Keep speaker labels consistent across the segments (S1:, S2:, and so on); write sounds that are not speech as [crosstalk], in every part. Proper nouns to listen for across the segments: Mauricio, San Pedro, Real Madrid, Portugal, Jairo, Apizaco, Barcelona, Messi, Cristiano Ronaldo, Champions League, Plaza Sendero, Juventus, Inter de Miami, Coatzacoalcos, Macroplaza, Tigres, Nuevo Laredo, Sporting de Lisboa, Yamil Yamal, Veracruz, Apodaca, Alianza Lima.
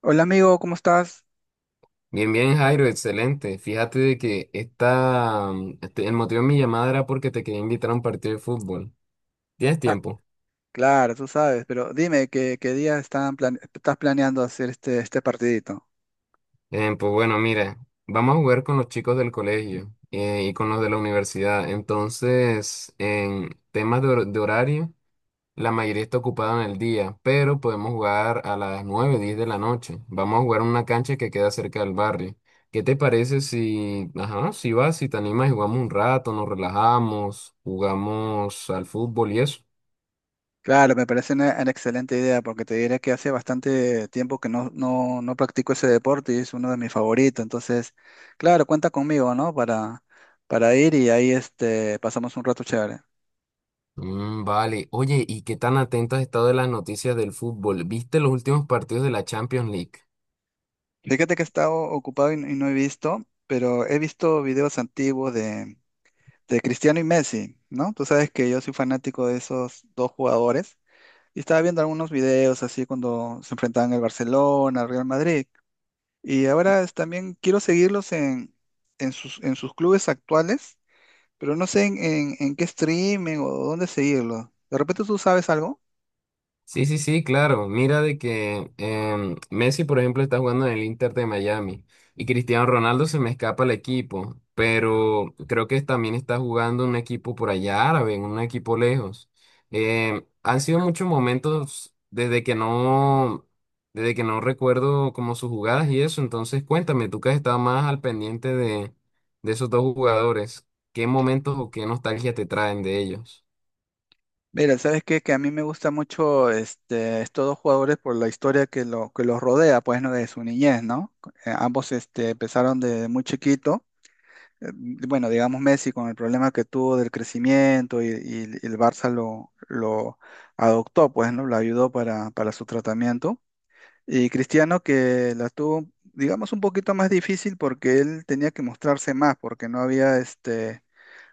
S1: Hola amigo, ¿cómo estás?
S2: Bien, bien, Jairo, excelente. Fíjate de que el motivo de mi llamada era porque te quería invitar a un partido de fútbol. ¿Tienes
S1: Ah,
S2: tiempo?
S1: claro, tú sabes, pero dime qué día estás planeando hacer este partidito.
S2: Pues bueno, mira, vamos a jugar con los chicos del colegio y con los de la universidad. Entonces, en temas de horario. La mayoría está ocupada en el día, pero podemos jugar a las 9 o 10 de la noche. Vamos a jugar en una cancha que queda cerca del barrio. ¿Qué te parece si, ajá, si vas, si te animas y jugamos un rato, nos relajamos, jugamos al fútbol y eso?
S1: Claro, me parece una excelente idea porque te diré que hace bastante tiempo que no practico ese deporte y es uno de mis favoritos. Entonces, claro, cuenta conmigo, ¿no? Para ir y ahí pasamos un rato chévere.
S2: Mm, vale. Oye, ¿y qué tan atenta has estado de las noticias del fútbol? ¿Viste los últimos partidos de la Champions League?
S1: Fíjate que he estado ocupado y no he visto, pero he visto videos antiguos de Cristiano y Messi, ¿no? Tú sabes que yo soy fanático de esos dos jugadores. Y estaba viendo algunos videos así cuando se enfrentaban el Barcelona al Real Madrid. Y también quiero seguirlos en sus clubes actuales, pero no sé en qué streaming o dónde seguirlos. ¿De repente tú sabes algo?
S2: Sí, sí, sí, claro. Mira de que Messi, por ejemplo, está jugando en el Inter de Miami y Cristiano Ronaldo se me escapa el equipo, pero creo que también está jugando en un equipo por allá árabe, en un equipo lejos. Han sido muchos momentos desde que no recuerdo como sus jugadas y eso. Entonces, cuéntame, tú que has estado más al pendiente de esos dos jugadores, ¿qué momentos o qué nostalgia te traen de ellos?
S1: Mira, ¿sabes qué? Que a mí me gusta mucho estos dos jugadores por la historia que que los rodea, pues, ¿no? De su niñez, ¿no? Ambos empezaron de muy chiquito eh, bueno, digamos Messi con el problema que tuvo del crecimiento y el Barça lo adoptó, pues, ¿no? Lo ayudó para su tratamiento. Y Cristiano que la tuvo, digamos, un poquito más difícil porque él tenía que mostrarse más, porque no había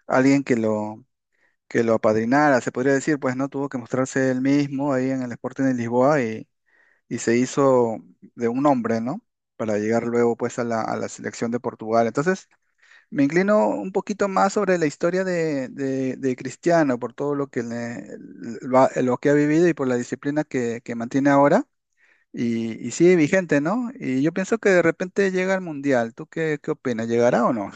S1: alguien que lo apadrinara, se podría decir, pues, ¿no? Tuvo que mostrarse él mismo ahí en el Sporting de Lisboa y se hizo de un hombre, ¿no? Para llegar luego pues a la selección de Portugal. Entonces, me inclino un poquito más sobre la historia de Cristiano, por todo lo que ha vivido y por la disciplina que mantiene ahora. Y sigue vigente, ¿no? Y yo pienso que de repente llega al Mundial. Tú ¿qué opinas? ¿Llegará o no?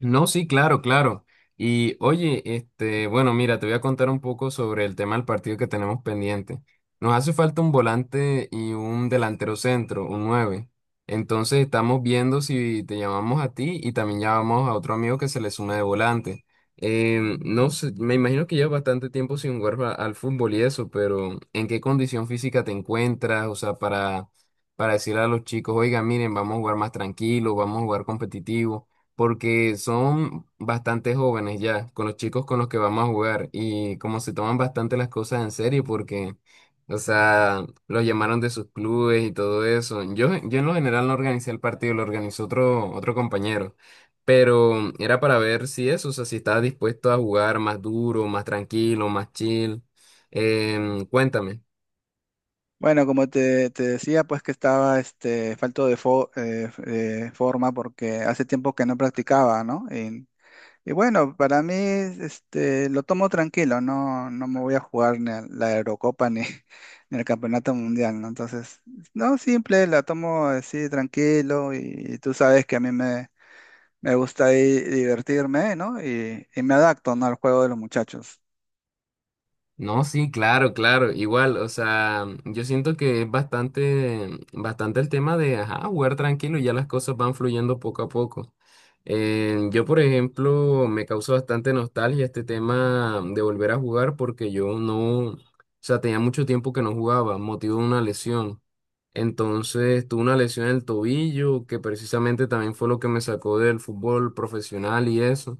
S2: No, sí, claro, claro. Y oye, este, bueno, mira, te voy a contar un poco sobre el tema del partido que tenemos pendiente. Nos hace falta un volante y un delantero centro, un nueve. Entonces estamos viendo si te llamamos a ti y también llamamos a otro amigo que se le suma de volante. No sé, me imagino que llevas bastante tiempo sin jugar al fútbol y eso, pero ¿en qué condición física te encuentras? O sea, para decirle a los chicos, oiga, miren, vamos a jugar más tranquilo, vamos a jugar competitivo porque son bastante jóvenes ya, con los chicos con los que vamos a jugar y como se toman bastante las cosas en serio porque, o sea, los llamaron de sus clubes y todo eso. Yo en lo general no organicé el partido, lo organizó otro compañero, pero era para ver si eso, o sea, si estaba dispuesto a jugar más duro, más tranquilo, más chill. Cuéntame.
S1: Bueno, como te decía, pues que estaba falto de forma porque hace tiempo que no practicaba, ¿no? Y bueno, para mí, este, lo tomo tranquilo, no, no me voy a jugar ni a la Eurocopa ni, [laughs] ni el Campeonato Mundial, ¿no? Entonces, no, simple, la tomo así tranquilo y, tú sabes que a mí me gusta ahí divertirme, ¿no? Y me adapto, ¿no?, al juego de los muchachos.
S2: No, sí, claro, claro, igual, o sea, yo siento que es bastante, bastante el tema de, ajá, jugar tranquilo y ya las cosas van fluyendo poco a poco. Yo, por ejemplo, me causó bastante nostalgia este tema de volver a jugar porque yo no, o sea, tenía mucho tiempo que no jugaba, motivo de una lesión. Entonces, tuve una lesión en el tobillo que precisamente también fue lo que me sacó del fútbol profesional y eso.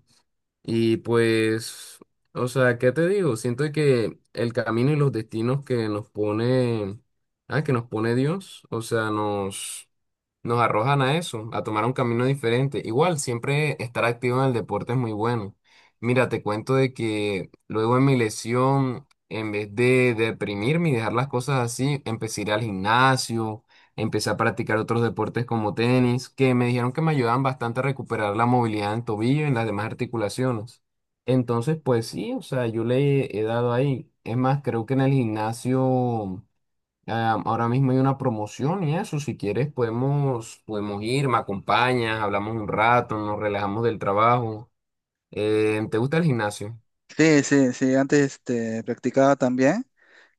S2: Y pues, o sea, ¿qué te digo? Siento que el camino y los destinos que nos pone, ah, que nos pone Dios, o sea, nos arrojan a eso, a tomar un camino diferente. Igual, siempre estar activo en el deporte es muy bueno. Mira, te cuento de que luego en mi lesión, en vez de deprimirme y dejar las cosas así, empecé a ir al gimnasio, empecé a practicar otros deportes como tenis, que me dijeron que me ayudaban bastante a recuperar la movilidad en tobillo y en las demás articulaciones. Entonces, pues sí, o sea, yo le he dado ahí. Es más, creo que en el gimnasio... Ah, ahora mismo hay una promoción y eso, si quieres podemos ir, me acompañas, hablamos un rato, nos relajamos del trabajo. ¿Te gusta el gimnasio?
S1: Sí, sí, sí, antes practicaba también,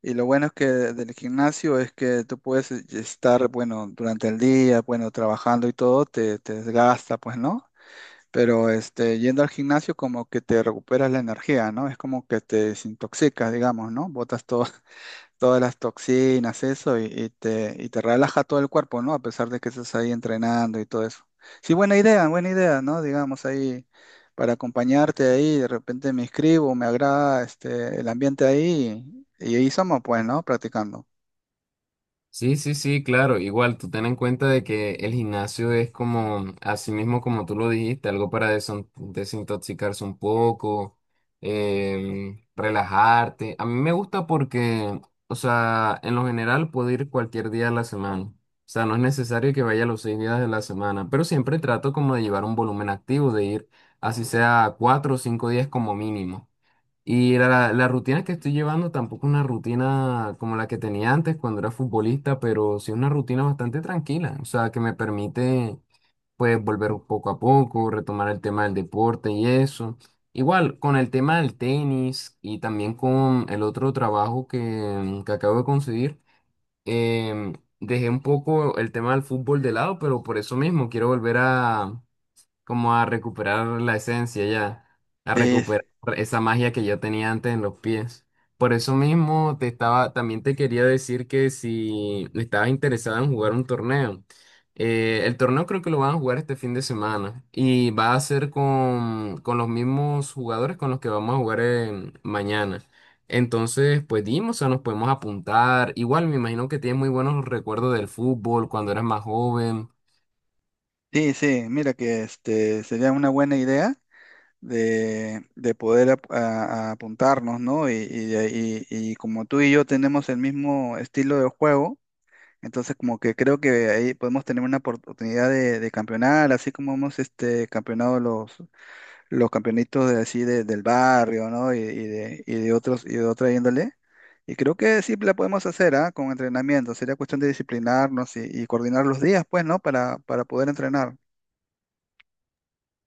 S1: y lo bueno es que del gimnasio es que tú puedes estar, bueno, durante el día, bueno, trabajando y todo, te desgasta, pues, ¿no? Pero este, yendo al gimnasio como que te recuperas la energía, ¿no? Es como que te desintoxicas, digamos, ¿no? [laughs] Todas las toxinas, eso, y y te relaja todo el cuerpo, ¿no? A pesar de que estás ahí entrenando y todo eso. Sí, buena idea, ¿no? Digamos, ahí para acompañarte ahí, de repente me inscribo, me agrada el ambiente ahí, y ahí somos, pues, ¿no? Practicando.
S2: Sí, sí, sí, claro. Igual, tú ten en cuenta de que el gimnasio es como, así mismo como tú lo dijiste, algo para desintoxicarse un poco, relajarte. A mí me gusta porque, o sea, en lo general puedo ir cualquier día de la semana. O sea, no es necesario que vaya los 6 días de la semana, pero siempre trato como de llevar un volumen activo, de ir así sea 4 o 5 días como mínimo. Y la rutina que estoy llevando tampoco es una rutina como la que tenía antes cuando era futbolista, pero sí es una rutina bastante tranquila, o sea, que me permite pues volver poco a poco, retomar el tema del deporte y eso. Igual, con el tema del tenis y también con el otro trabajo que acabo de conseguir, em, dejé un poco el tema del fútbol de lado, pero por eso mismo quiero volver a como a recuperar la esencia ya, a
S1: Sí,
S2: recuperar esa magia que yo tenía antes en los pies. Por eso mismo te estaba, también te quería decir que si estabas interesado en jugar un torneo, el torneo creo que lo van a jugar este fin de semana y va a ser con los mismos jugadores con los que vamos a jugar mañana. Entonces, pues dimos, o sea, nos podemos apuntar. Igual me imagino que tienes muy buenos recuerdos del fútbol cuando eras más joven.
S1: sí, sí, mira que este, sería una buena idea de poder ap- a apuntarnos, ¿no? Y como tú y yo tenemos el mismo estilo de juego, entonces como que creo que ahí podemos tener una oportunidad de campeonar, así como hemos campeonado los campeonitos del barrio, ¿no? Y de otros, y de otra índole. Y creo que sí la podemos hacer, ¿ah? Con entrenamiento. Sería cuestión de disciplinarnos y coordinar los días, pues, ¿no? Para poder entrenar.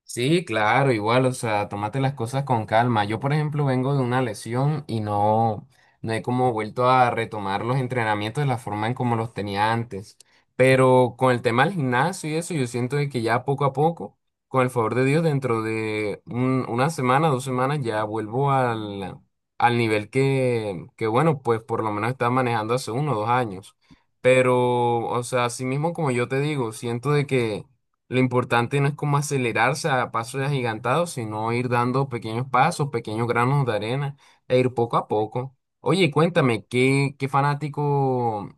S2: Sí, claro, igual, o sea, tómate las cosas con calma. Yo, por ejemplo, vengo de una lesión y no he como vuelto a retomar los entrenamientos de la forma en como los tenía antes. Pero con el tema del gimnasio y eso, yo siento de que ya poco a poco, con el favor de Dios, dentro de una semana, 2 semanas, ya vuelvo al, al nivel que, bueno, pues por lo menos estaba manejando hace 1 o 2 años. Pero, o sea, así mismo como yo te digo, siento de que lo importante no es como acelerarse a pasos agigantados, sino ir dando pequeños pasos, pequeños granos de arena e ir poco a poco. Oye, cuéntame,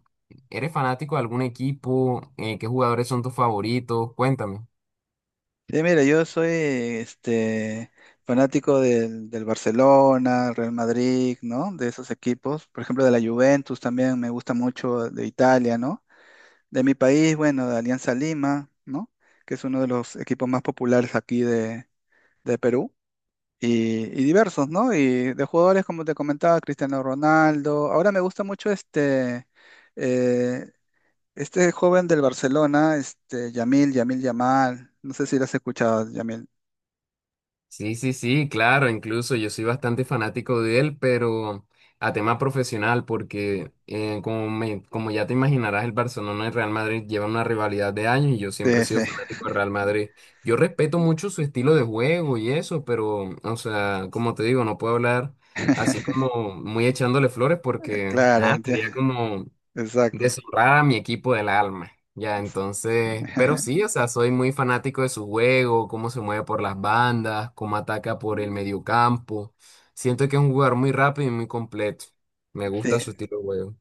S2: eres fanático de algún equipo? ¿Qué jugadores son tus favoritos? Cuéntame.
S1: Sí, mira, yo soy fanático del Barcelona, Real Madrid, ¿no? De esos equipos. Por ejemplo, de la Juventus también me gusta mucho, de Italia, ¿no? De mi país, bueno, de Alianza Lima, ¿no?, que es uno de los equipos más populares aquí de Perú. Y diversos, ¿no? Y de jugadores, como te comentaba, Cristiano Ronaldo. Ahora me gusta mucho eh, este joven del Barcelona, este Yamil, Yamal. No sé si lo has escuchado, Yamil.
S2: Sí, sí, sí, claro, incluso yo soy bastante fanático de él, pero a tema profesional, porque como ya te imaginarás, el Barcelona y el Real Madrid llevan una rivalidad de años y yo siempre he
S1: Sí, sí,
S2: sido fanático del Real Madrid. Yo respeto mucho su estilo de juego y eso, pero, o sea, como te digo, no puedo hablar así como muy echándole flores
S1: [laughs]
S2: porque,
S1: claro,
S2: ajá, sería como
S1: exacto.
S2: deshonrar a mi equipo del alma. Ya, entonces, pero
S1: [laughs]
S2: sí, o sea, soy muy fanático de su juego, cómo se mueve por las bandas, cómo ataca por el mediocampo. Siento que es un jugador muy rápido y muy completo. Me gusta
S1: Sí,
S2: su estilo de juego.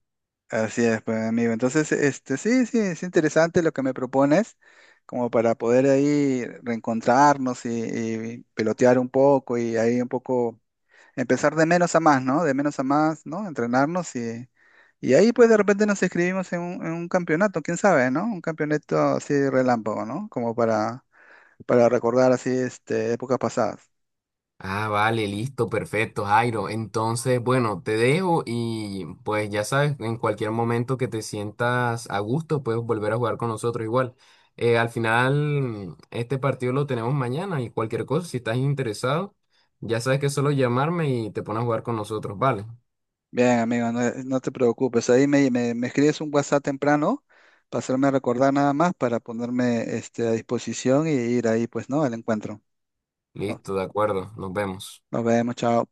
S1: así es, pues, amigo. Entonces, este, sí, sí, es interesante lo que me propones, como para poder ahí reencontrarnos y pelotear un poco y ahí un poco empezar de menos a más, ¿no? De menos a más, ¿no? Entrenarnos y ahí pues de repente nos inscribimos en un campeonato, quién sabe, ¿no? Un campeonato así relámpago, ¿no? Como para recordar así, este, épocas pasadas.
S2: Ah, vale, listo, perfecto, Jairo. Entonces, bueno, te dejo y pues ya sabes, en cualquier momento que te sientas a gusto, puedes volver a jugar con nosotros igual. Al final, este partido lo tenemos mañana y cualquier cosa, si estás interesado, ya sabes que es solo llamarme y te pones a jugar con nosotros, vale.
S1: Bien, amigo, no, no te preocupes. Ahí me escribes un WhatsApp temprano para hacerme recordar, nada más, para ponerme a disposición y ir ahí, pues, ¿no?, al encuentro.
S2: Listo, de acuerdo, nos vemos.
S1: Nos vemos, chao.